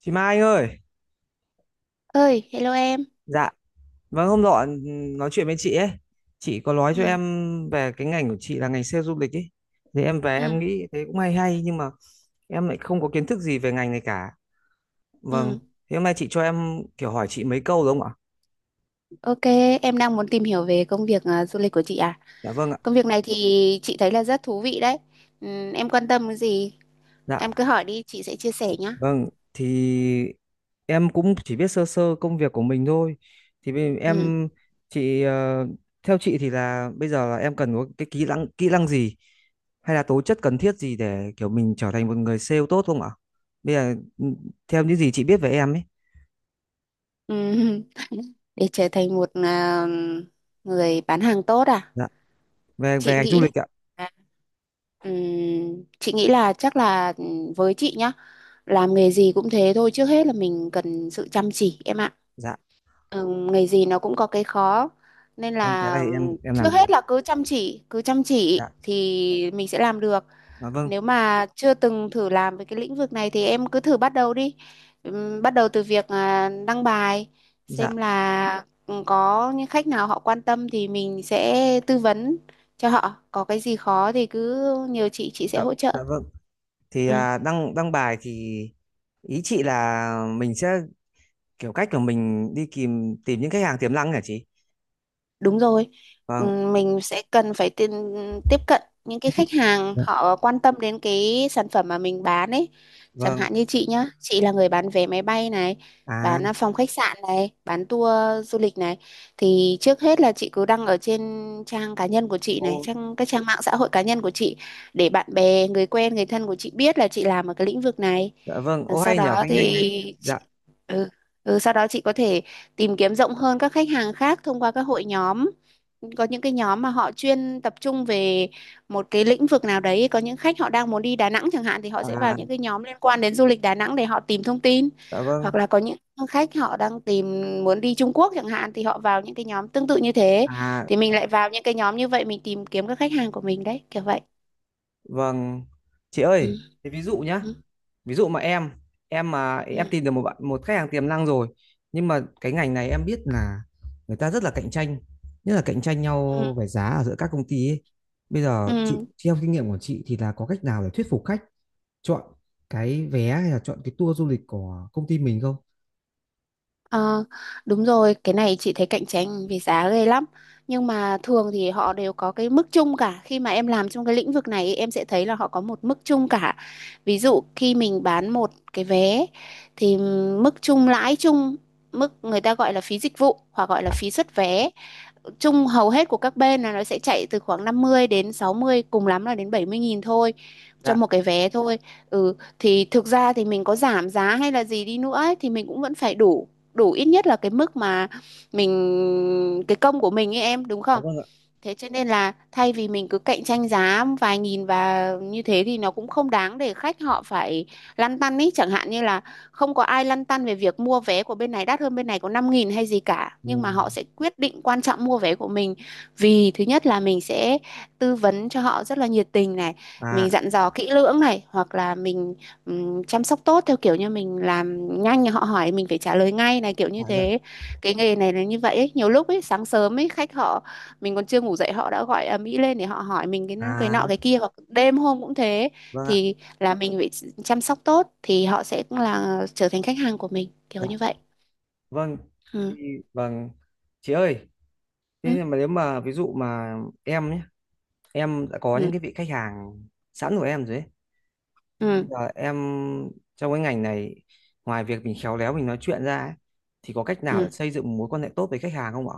Chị Mai anh ơi, Ơi, hello em. dạ, vâng hôm nọ nói chuyện với chị ấy, chị có nói cho Ừ. em về cái ngành của chị là ngành sale du lịch ấy, thì em về em Ừ. nghĩ thế cũng hay hay nhưng mà em lại không có kiến thức gì về ngành này cả, vâng, Ừ. thế hôm nay chị cho em kiểu hỏi chị mấy câu đúng không ạ? OK, em đang muốn tìm hiểu về công việc du lịch của chị à? Dạ vâng ạ, Công việc này thì chị thấy là rất thú vị đấy. Ừ, em quan tâm cái gì? Em dạ, cứ hỏi đi, chị sẽ chia sẻ nhá. Vâng, thì em cũng chỉ biết sơ sơ công việc của mình thôi. Thì bây- Ừ. em chị ờ, Theo chị thì là bây giờ là em cần có cái kỹ năng gì hay là tố chất cần thiết gì để kiểu mình trở thành một người sale tốt không ạ? Bây giờ theo những gì chị biết về em ấy, Ừ. Để trở thành một người bán hàng tốt à? dạ, về về chị ngành du nghĩ là lịch ạ. à, chị nghĩ là chắc là với chị nhá. Làm nghề gì cũng thế thôi, trước hết là mình cần sự chăm chỉ em ạ. Dạ, Ừ, nghề gì nó cũng có cái khó, nên vâng cái là này thì em em làm trước được. hết là cứ chăm chỉ Dạ, thì mình sẽ làm được. à, vâng, Nếu mà chưa từng thử làm về cái lĩnh vực này thì em cứ thử bắt đầu đi. Bắt đầu từ việc đăng bài, dạ, xem là có những khách nào họ quan tâm thì mình sẽ tư vấn cho họ. Có cái gì khó thì cứ nhờ chị sẽ dạ, hỗ trợ. dạ vâng. Thì Ừ. Đăng đăng bài thì ý chị là mình sẽ kiểu cách của mình đi tìm tìm những khách hàng tiềm năng hả chị Đúng rồi. vâng thế- Mình sẽ cần phải tiếp cận những cái chị khách hàng dạ. họ quan tâm đến cái sản phẩm mà mình bán ấy. Chẳng Vâng, hạn như chị nhá, chị là người bán vé máy bay này, à, bán phòng khách sạn này, bán tour du lịch này. Thì trước hết là chị cứ đăng ở trên trang cá nhân của chị này, ô, các trang mạng xã hội cá nhân của chị, để bạn bè, người quen, người thân của chị biết là chị làm ở cái lĩnh vực này. dạ vâng, Ờ, ô Sau hay nhờ đó cái ngành này, thì chị, dạ, ừ, Sau đó chị có thể tìm kiếm rộng hơn các khách hàng khác thông qua các hội nhóm. Có những cái nhóm mà họ chuyên tập trung về một cái lĩnh vực nào đấy. Có những khách họ đang muốn đi Đà Nẵng chẳng hạn thì họ sẽ vào những à, cái nhóm liên quan đến du lịch Đà Nẵng để họ tìm thông tin. dạ vâng, Hoặc là có những khách họ đang muốn đi Trung Quốc chẳng hạn thì họ vào những cái nhóm tương tự như thế. à, Thì mình lại vào những cái nhóm như vậy, mình tìm kiếm các khách hàng của mình đấy, kiểu vậy. vâng. Chị Ừ. ơi thế ví dụ nhá, Ừ. ví dụ mà em Ừ. tìm được một bạn, một khách hàng tiềm năng rồi, nhưng mà cái ngành này em biết là người ta rất là cạnh tranh, nhất là cạnh tranh Ừ. nhau về giá ở giữa các công ty ấy. Bây giờ chị Ừ. Theo kinh nghiệm của chị thì là có cách nào để thuyết phục khách chọn cái vé hay là chọn cái tour du lịch của công ty mình không? Ờ, Đúng rồi, cái này chị thấy cạnh tranh về giá ghê lắm. Nhưng mà thường thì họ đều có cái mức chung cả. Khi mà em làm trong cái lĩnh vực này ấy, em sẽ thấy là họ có một mức chung cả. Ví dụ khi mình bán một cái vé thì mức chung lãi chung, mức người ta gọi là phí dịch vụ hoặc gọi là Dạ, phí xuất vé chung hầu hết của các bên là nó sẽ chạy từ khoảng 50 đến 60, cùng lắm là đến 70.000 thôi, cho dạ, một cái vé thôi. Thì thực ra thì mình có giảm giá hay là gì đi nữa ấy, thì mình cũng vẫn phải đủ đủ ít nhất là cái mức mà mình, cái công của mình ấy, em đúng dạ không? vâng ạ. Thế cho nên là thay vì mình cứ cạnh tranh giá vài nghìn và như thế thì nó cũng không đáng để khách họ phải lăn tăn ý. Chẳng hạn như là không có ai lăn tăn về việc mua vé của bên này đắt hơn bên này có 5.000 hay gì cả. Ừ, Nhưng mà họ sẽ quyết định quan trọng mua vé của mình. Vì thứ nhất là mình sẽ tư vấn cho họ rất là nhiệt tình này. Mình à, dặn dò kỹ lưỡng này. Hoặc là mình chăm sóc tốt theo kiểu như mình làm nhanh, họ hỏi mình phải trả lời ngay này, kiểu dạ, như dạ, thế. Cái nghề này là như vậy ấy. Nhiều lúc ấy, sáng sớm ấy khách họ, mình còn chưa ngủ dậy họ đã gọi ầm ĩ lên để họ hỏi mình cái à, nọ cái kia, hoặc đêm hôm cũng thế. vâng ạ, Thì là mình phải chăm sóc tốt thì họ sẽ là trở thành khách hàng của mình, kiểu dạ, như vậy. vâng, thì, Ừ. vâng, chị ơi, thế Ừ. nhưng mà nếu mà ví dụ mà em nhé, em đã có những Ừ. cái vị khách hàng sẵn của em rồi ấy. Bây Ừ. giờ em Trong cái ngành này, ngoài việc mình khéo léo mình nói chuyện ra ấy, thì có cách nào để Ừ. xây dựng một mối quan hệ tốt với khách hàng không ạ?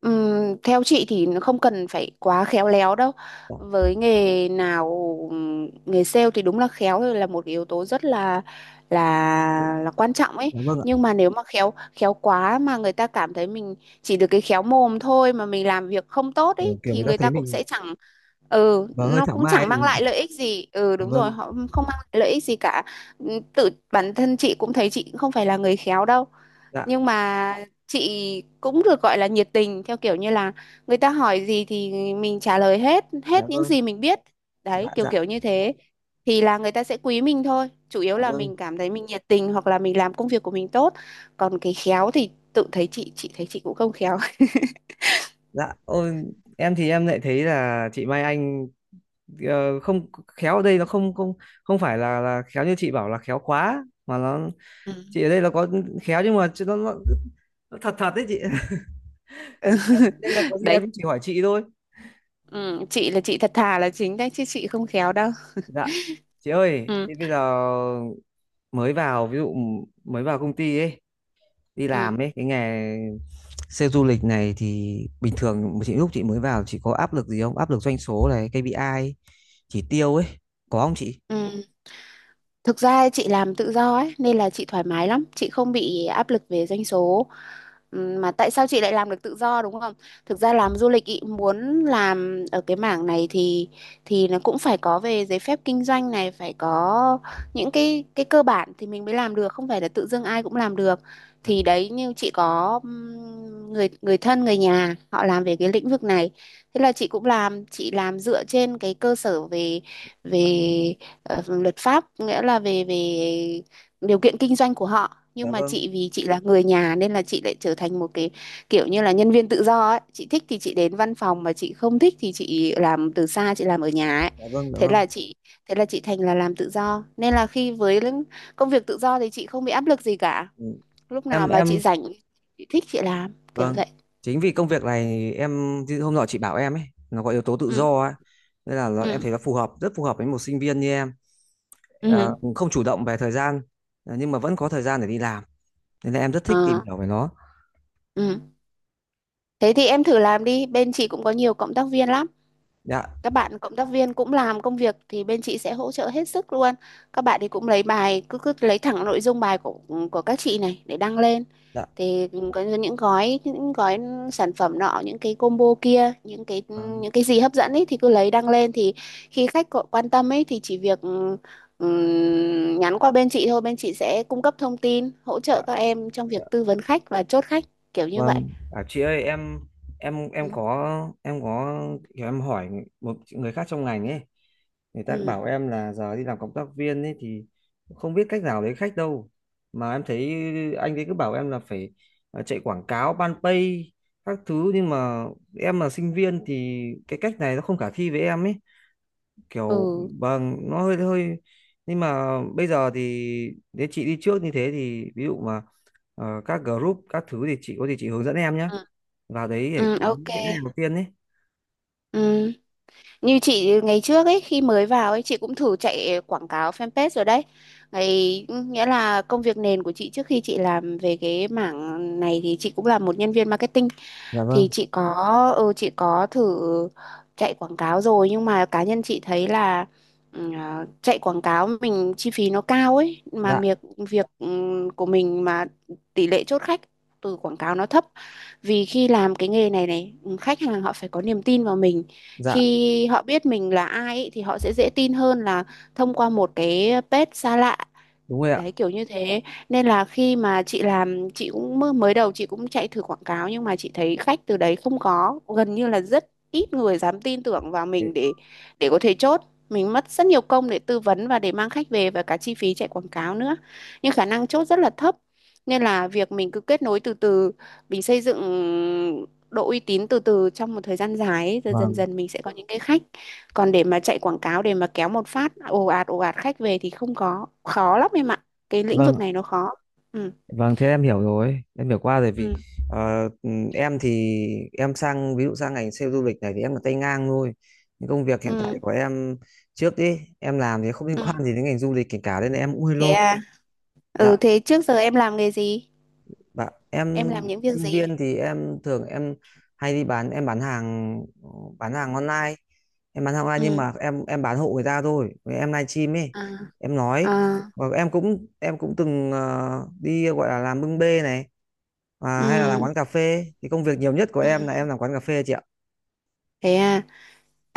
Theo chị thì nó không cần phải quá khéo léo đâu. Dạ, Với nghề nào nghề sale thì đúng là khéo là một cái yếu tố rất là quan trọng ấy. dạ vâng ạ. Nhưng mà nếu mà khéo khéo quá mà người ta cảm thấy mình chỉ được cái khéo mồm thôi, mà mình làm việc không tốt ấy, Kiểu thì người ta người thấy ta cũng mình sẽ chẳng và hơi nó thảo cũng mai chẳng ấy. mang lại lợi ích gì. Ừ, Dạ đúng rồi, vâng. họ không mang lại lợi ích gì cả. Tự bản thân chị cũng thấy chị cũng không phải là người khéo đâu. Dạ, Nhưng mà chị cũng được gọi là nhiệt tình theo kiểu như là người ta hỏi gì thì mình trả lời hết dạ hết những vâng, gì mình biết, đấy, dạ kiểu dạ, kiểu như thế thì là người ta sẽ quý mình thôi, chủ yếu cảm là ơn, mình cảm thấy mình nhiệt tình hoặc là mình làm công việc của mình tốt. Còn cái khéo thì tự thấy, chị thấy chị cũng không khéo. dạ, ôi em thì em lại thấy là chị Mai Anh không khéo ở đây nó không không không phải là khéo như chị bảo là khéo quá mà nó Ừ. chị ở đây là có khéo nhưng mà nó thật thật đấy chị đây là có gì Đấy, em chỉ hỏi chị thôi. ừ, chị là chị thật thà là chính đấy chứ chị không khéo đâu. Dạ, chị ơi Ừ. thế bây giờ mới vào, ví dụ mới vào công ty ấy, đi Ừ. làm ấy, cái nghề sale du lịch này thì bình thường chị, lúc chị mới vào chị có áp lực gì không, áp lực doanh số này, KPI chỉ tiêu ấy, có không chị? Ừ. Thực ra chị làm tự do ấy, nên là chị thoải mái lắm, chị không bị áp lực về doanh số. Mà tại sao chị lại làm được tự do đúng không? Thực ra Dạ, làm du lịch ý, muốn làm ở cái mảng này thì nó cũng phải có về giấy phép kinh doanh này, phải có những cái cơ bản thì mình mới làm được, không phải là tự dưng ai cũng làm được. dạ, Thì đấy như chị có người người thân người nhà họ làm về cái lĩnh vực này. Thế là chị cũng làm, chị làm dựa trên cái cơ sở về dạ. về ờ, luật pháp, nghĩa là về về điều kiện kinh doanh của họ, Dạ nhưng mà vâng, chị vì chị là người nhà nên là chị lại trở thành một cái, kiểu như là nhân viên tự do ấy, chị thích thì chị đến văn phòng mà chị không thích thì chị làm từ xa, chị làm ở nhà ấy. dạ vâng, dạ thế vâng, là chị Thế là chị thành là làm tự do, nên là khi công việc tự do thì chị không bị áp lực gì cả. ừ. Lúc em nào mà em chị rảnh, chị thích chị làm, kiểu vâng, vậy. chính vì công việc này em chứ hôm nọ chị bảo em ấy nó có yếu tố tự Ừ. do ấy nên là nó, em Ừ. thấy nó phù hợp, rất phù hợp với một sinh viên như em. Ừ. Ừ. Không chủ động về thời gian, nhưng mà vẫn có thời gian để đi làm nên là em rất thích tìm Ờ. hiểu về nó. Ừ. Thế thì em thử làm đi, bên chị cũng có nhiều cộng tác viên lắm. Dạ, Các bạn cộng tác viên cũng làm công việc thì bên chị sẽ hỗ trợ hết sức luôn. Các bạn thì cũng lấy bài, cứ cứ lấy thẳng nội dung bài của các chị này để đăng lên. dạ Thì có những gói sản phẩm nọ, những cái combo kia, vâng, những cái gì hấp dẫn ấy thì cứ lấy đăng lên. Thì khi khách có quan tâm ấy thì chỉ việc nhắn qua bên chị thôi, bên chị sẽ cung cấp thông tin hỗ dạ trợ dạ. các em trong việc tư vấn khách và chốt khách, kiểu như vậy. Vâng, à, chị ơi em, em em Ừ. có em có kiểu em hỏi một người khác trong ngành ấy, người ta bảo Ừ. em là giờ đi làm cộng tác viên ấy thì không biết cách nào lấy khách đâu. Mà em thấy anh ấy cứ bảo em là phải chạy quảng cáo, ban pay các thứ, nhưng mà em là sinh viên thì cái cách này nó không khả thi với em ấy. Kiểu Ừ. vâng, nó hơi hơi, nhưng mà bây giờ thì nếu chị đi trước như thế thì ví dụ mà các group các thứ thì chị có gì chị hướng dẫn em nhé, Ừ. vào đấy để Ừ, kiếm OK. những cái hàng đầu tiên ấy. Ừ. Như chị ngày trước ấy, khi mới vào ấy chị cũng thử chạy quảng cáo fanpage rồi đấy. Nghĩa là công việc nền của chị trước khi chị làm về cái mảng này thì chị cũng là một nhân viên marketing. Dạ Thì vâng, chị có thử chạy quảng cáo rồi, nhưng mà cá nhân chị thấy là, chạy quảng cáo mình chi phí nó cao ấy, mà dạ việc việc ừ, của mình mà tỷ lệ chốt khách từ quảng cáo nó thấp. Vì khi làm cái nghề này này ừ, khách hàng họ phải có niềm tin vào mình. dạ, Khi họ biết mình là ai ấy, thì họ sẽ dễ tin hơn là thông qua một cái page xa lạ. đúng rồi ạ, Đấy kiểu như thế, nên là khi mà chị làm, chị cũng mới đầu chị cũng chạy thử quảng cáo, nhưng mà chị thấy khách từ đấy không có, gần như là rất ít người dám tin tưởng vào mình đấy, để có thể chốt. Mình mất rất nhiều công để tư vấn và để mang khách về, và cả chi phí chạy quảng cáo nữa, nhưng khả năng chốt rất là thấp. Nên là việc mình cứ kết nối từ từ, mình xây dựng độ uy tín từ từ trong một thời gian dài ấy, rồi dần vâng, dần mình sẽ có những cái khách. Còn để mà chạy quảng cáo để mà kéo một phát ồ ạt khách về thì không có khó lắm em ạ. Cái lĩnh vực vâng, này nó khó. Ừ. vâng thế em hiểu rồi, em hiểu qua rồi. Vì Ừ. Em thì em sang, ví dụ sang ngành sale du lịch này thì em là tay ngang thôi, những công việc hiện tại Ừ. của em trước ấy em làm thì không liên Ừ. quan gì đến ngành du lịch kể cả nên là em cũng hơi Thế lo. à? Dạ, Ừ, thế trước giờ em làm nghề gì? bạn Em em làm những việc sinh gì? viên thì em thường em hay đi bán, em bán hàng bán hàng online, em bán hàng online nhưng Ừ. mà em bán hộ người ta thôi. Với em livestream ấy, À. em nói, À. và em cũng từng đi gọi là làm bưng bê này, hay là làm Ừ. quán cà phê, thì công việc nhiều nhất của em là Ừ. em làm quán cà phê chị ạ. Thế à?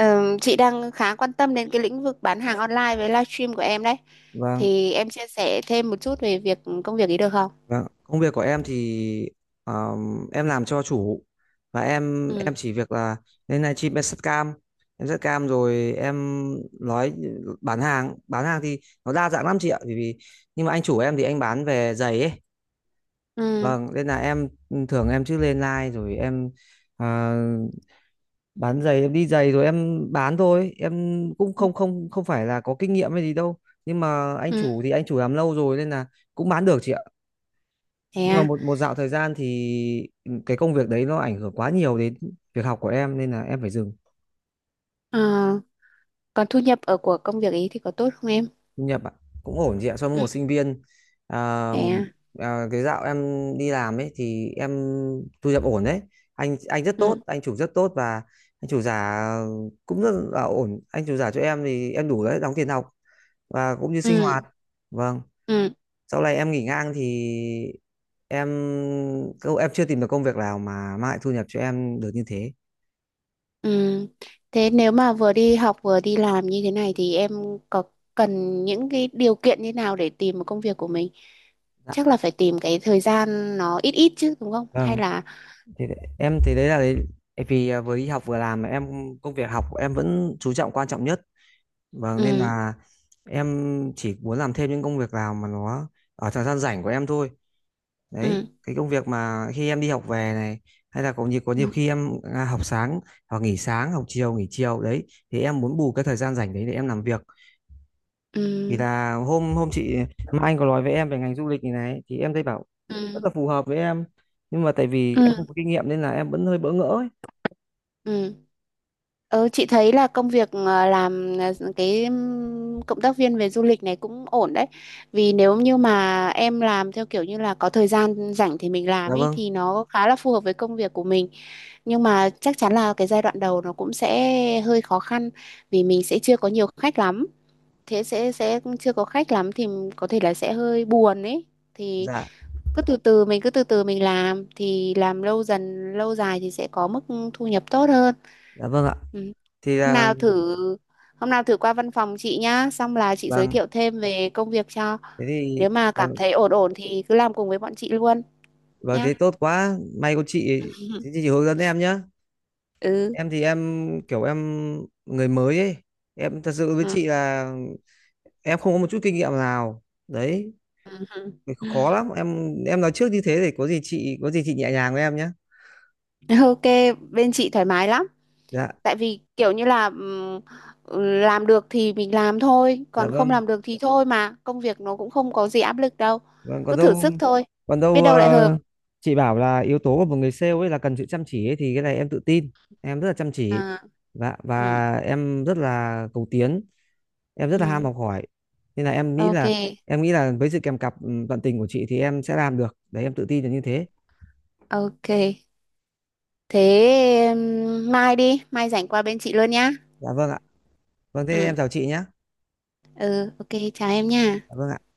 Chị đang khá quan tâm đến cái lĩnh vực bán hàng online với livestream của em đấy. Vâng, Thì em chia sẻ thêm một chút về công việc ấy được không? vâng, công việc của em thì em làm cho chủ, và em Ừ. em chỉ việc là lên live stream em set cam, em set cam rồi em nói, bán hàng. Bán hàng thì nó đa dạng lắm chị ạ, bởi vì nhưng mà anh chủ em thì anh bán về giày ấy, Ừ. vâng nên là em thường em chứ lên live rồi em à, bán giày, em đi giày rồi em bán thôi, em cũng Ừ. không không không phải là có kinh nghiệm hay gì đâu, nhưng mà anh chủ Ừ. thì anh chủ làm lâu rồi nên là cũng bán được chị ạ. Thế Nhưng mà à? một một dạo thời gian thì cái công việc đấy nó ảnh hưởng quá nhiều đến việc học của em nên là em phải dừng. Ờ, Còn thu nhập của công việc ấy thì có tốt không em? Thu nhập ạ? Cũng ổn chị ạ, so với Ừ. một sinh viên, à, Thế à? à, cái dạo em đi làm ấy thì em thu nhập ổn đấy, anh rất tốt, Ừ. anh chủ rất tốt, và anh chủ giả cũng rất là ổn, anh chủ giả cho em thì em đủ đấy, đóng tiền học và cũng như sinh hoạt, Ừ. vâng. Ừ. Sau này em nghỉ ngang thì em em chưa tìm được công việc nào mà mang lại thu nhập cho em được như thế. Ừ. Thế nếu mà vừa đi học vừa đi làm như thế này thì em có cần những cái điều kiện như nào để tìm một công việc của mình? Chắc là phải tìm cái thời gian nó ít ít chứ đúng không? Hay Vâng, là... thì đấy- em thì đấy là đấy vì à, vừa đi học vừa làm mà em, công việc học của em vẫn chú trọng, quan trọng nhất. Vâng nên Ừ. là em chỉ muốn làm thêm những công việc nào mà nó ở thời gian rảnh của em thôi. Ừ. Đấy, cái công việc mà khi em đi học về này, hay là có nhiều, có nhiều Ừ. khi em học sáng hoặc nghỉ sáng, học chiều nghỉ chiều đấy, thì em muốn bù cái thời gian rảnh đấy để em làm việc. Thì Ừ. là hôm hôm chị Mai Anh có nói với em về ngành du lịch này này thì em thấy bảo rất Ừ. là phù hợp với em, nhưng mà tại vì em Ừ. không có kinh nghiệm nên là em vẫn hơi bỡ ngỡ ấy. Ừ. Ừ, chị thấy là công việc làm cái cộng tác viên về du lịch này cũng ổn đấy. Vì nếu như mà em làm theo kiểu như là có thời gian rảnh thì mình làm Dạ ấy, vâng, thì nó khá là phù hợp với công việc của mình. Nhưng mà chắc chắn là cái giai đoạn đầu nó cũng sẽ hơi khó khăn, vì mình sẽ chưa có nhiều khách lắm. Thế sẽ chưa có khách lắm thì có thể là sẽ hơi buồn ấy. Thì dạ, cứ từ từ, mình cứ từ từ mình làm, thì làm lâu dần lâu dài thì sẽ có mức thu nhập tốt hơn. dạ vâng ạ. Ừ. Thì Hôm là nào thử Hôm nào thử qua văn phòng chị nhá, xong là chị giới vâng, thiệu thêm về công việc cho. thế thì Nếu mà cảm vâng, thấy ổn ổn thì cứ làm cùng với bọn chị luôn vâng nhá. thế tốt quá. May có chị, thế thì chị hướng dẫn em nhá. Ừ. Em thì em kiểu em người mới ấy. Em thật sự với Ừ. chị là em không có một chút kinh nghiệm nào. Đấy, thì Ừ. khó lắm. Em nói trước như thế để có gì chị, có gì chị nhẹ nhàng với em nhá. OK, bên chị thoải mái lắm. Dạ, Tại vì kiểu như là, làm được thì mình làm thôi, dạ còn không vâng. làm được thì thôi mà. Công việc nó cũng không có gì áp lực đâu. Vâng, Cứ còn thử đâu, sức thôi, còn biết đâu, đâu lại hợp. Chị bảo là yếu tố của một người sale ấy là cần sự chăm chỉ ấy, thì cái này em tự tin. Em rất là chăm chỉ, À. và Ừ. và em rất là cầu tiến, em rất là ham Ừ. học hỏi. Nên là em nghĩ OK, là với sự kèm cặp tận tình của chị thì em sẽ làm được. Đấy em tự tin là như thế. OK. Thế mai rảnh qua bên chị luôn nhá. Dạ vâng ạ. Vâng thế Ừ. em chào chị nhé. Ừ. OK, chào em nha. Dạ vâng ạ.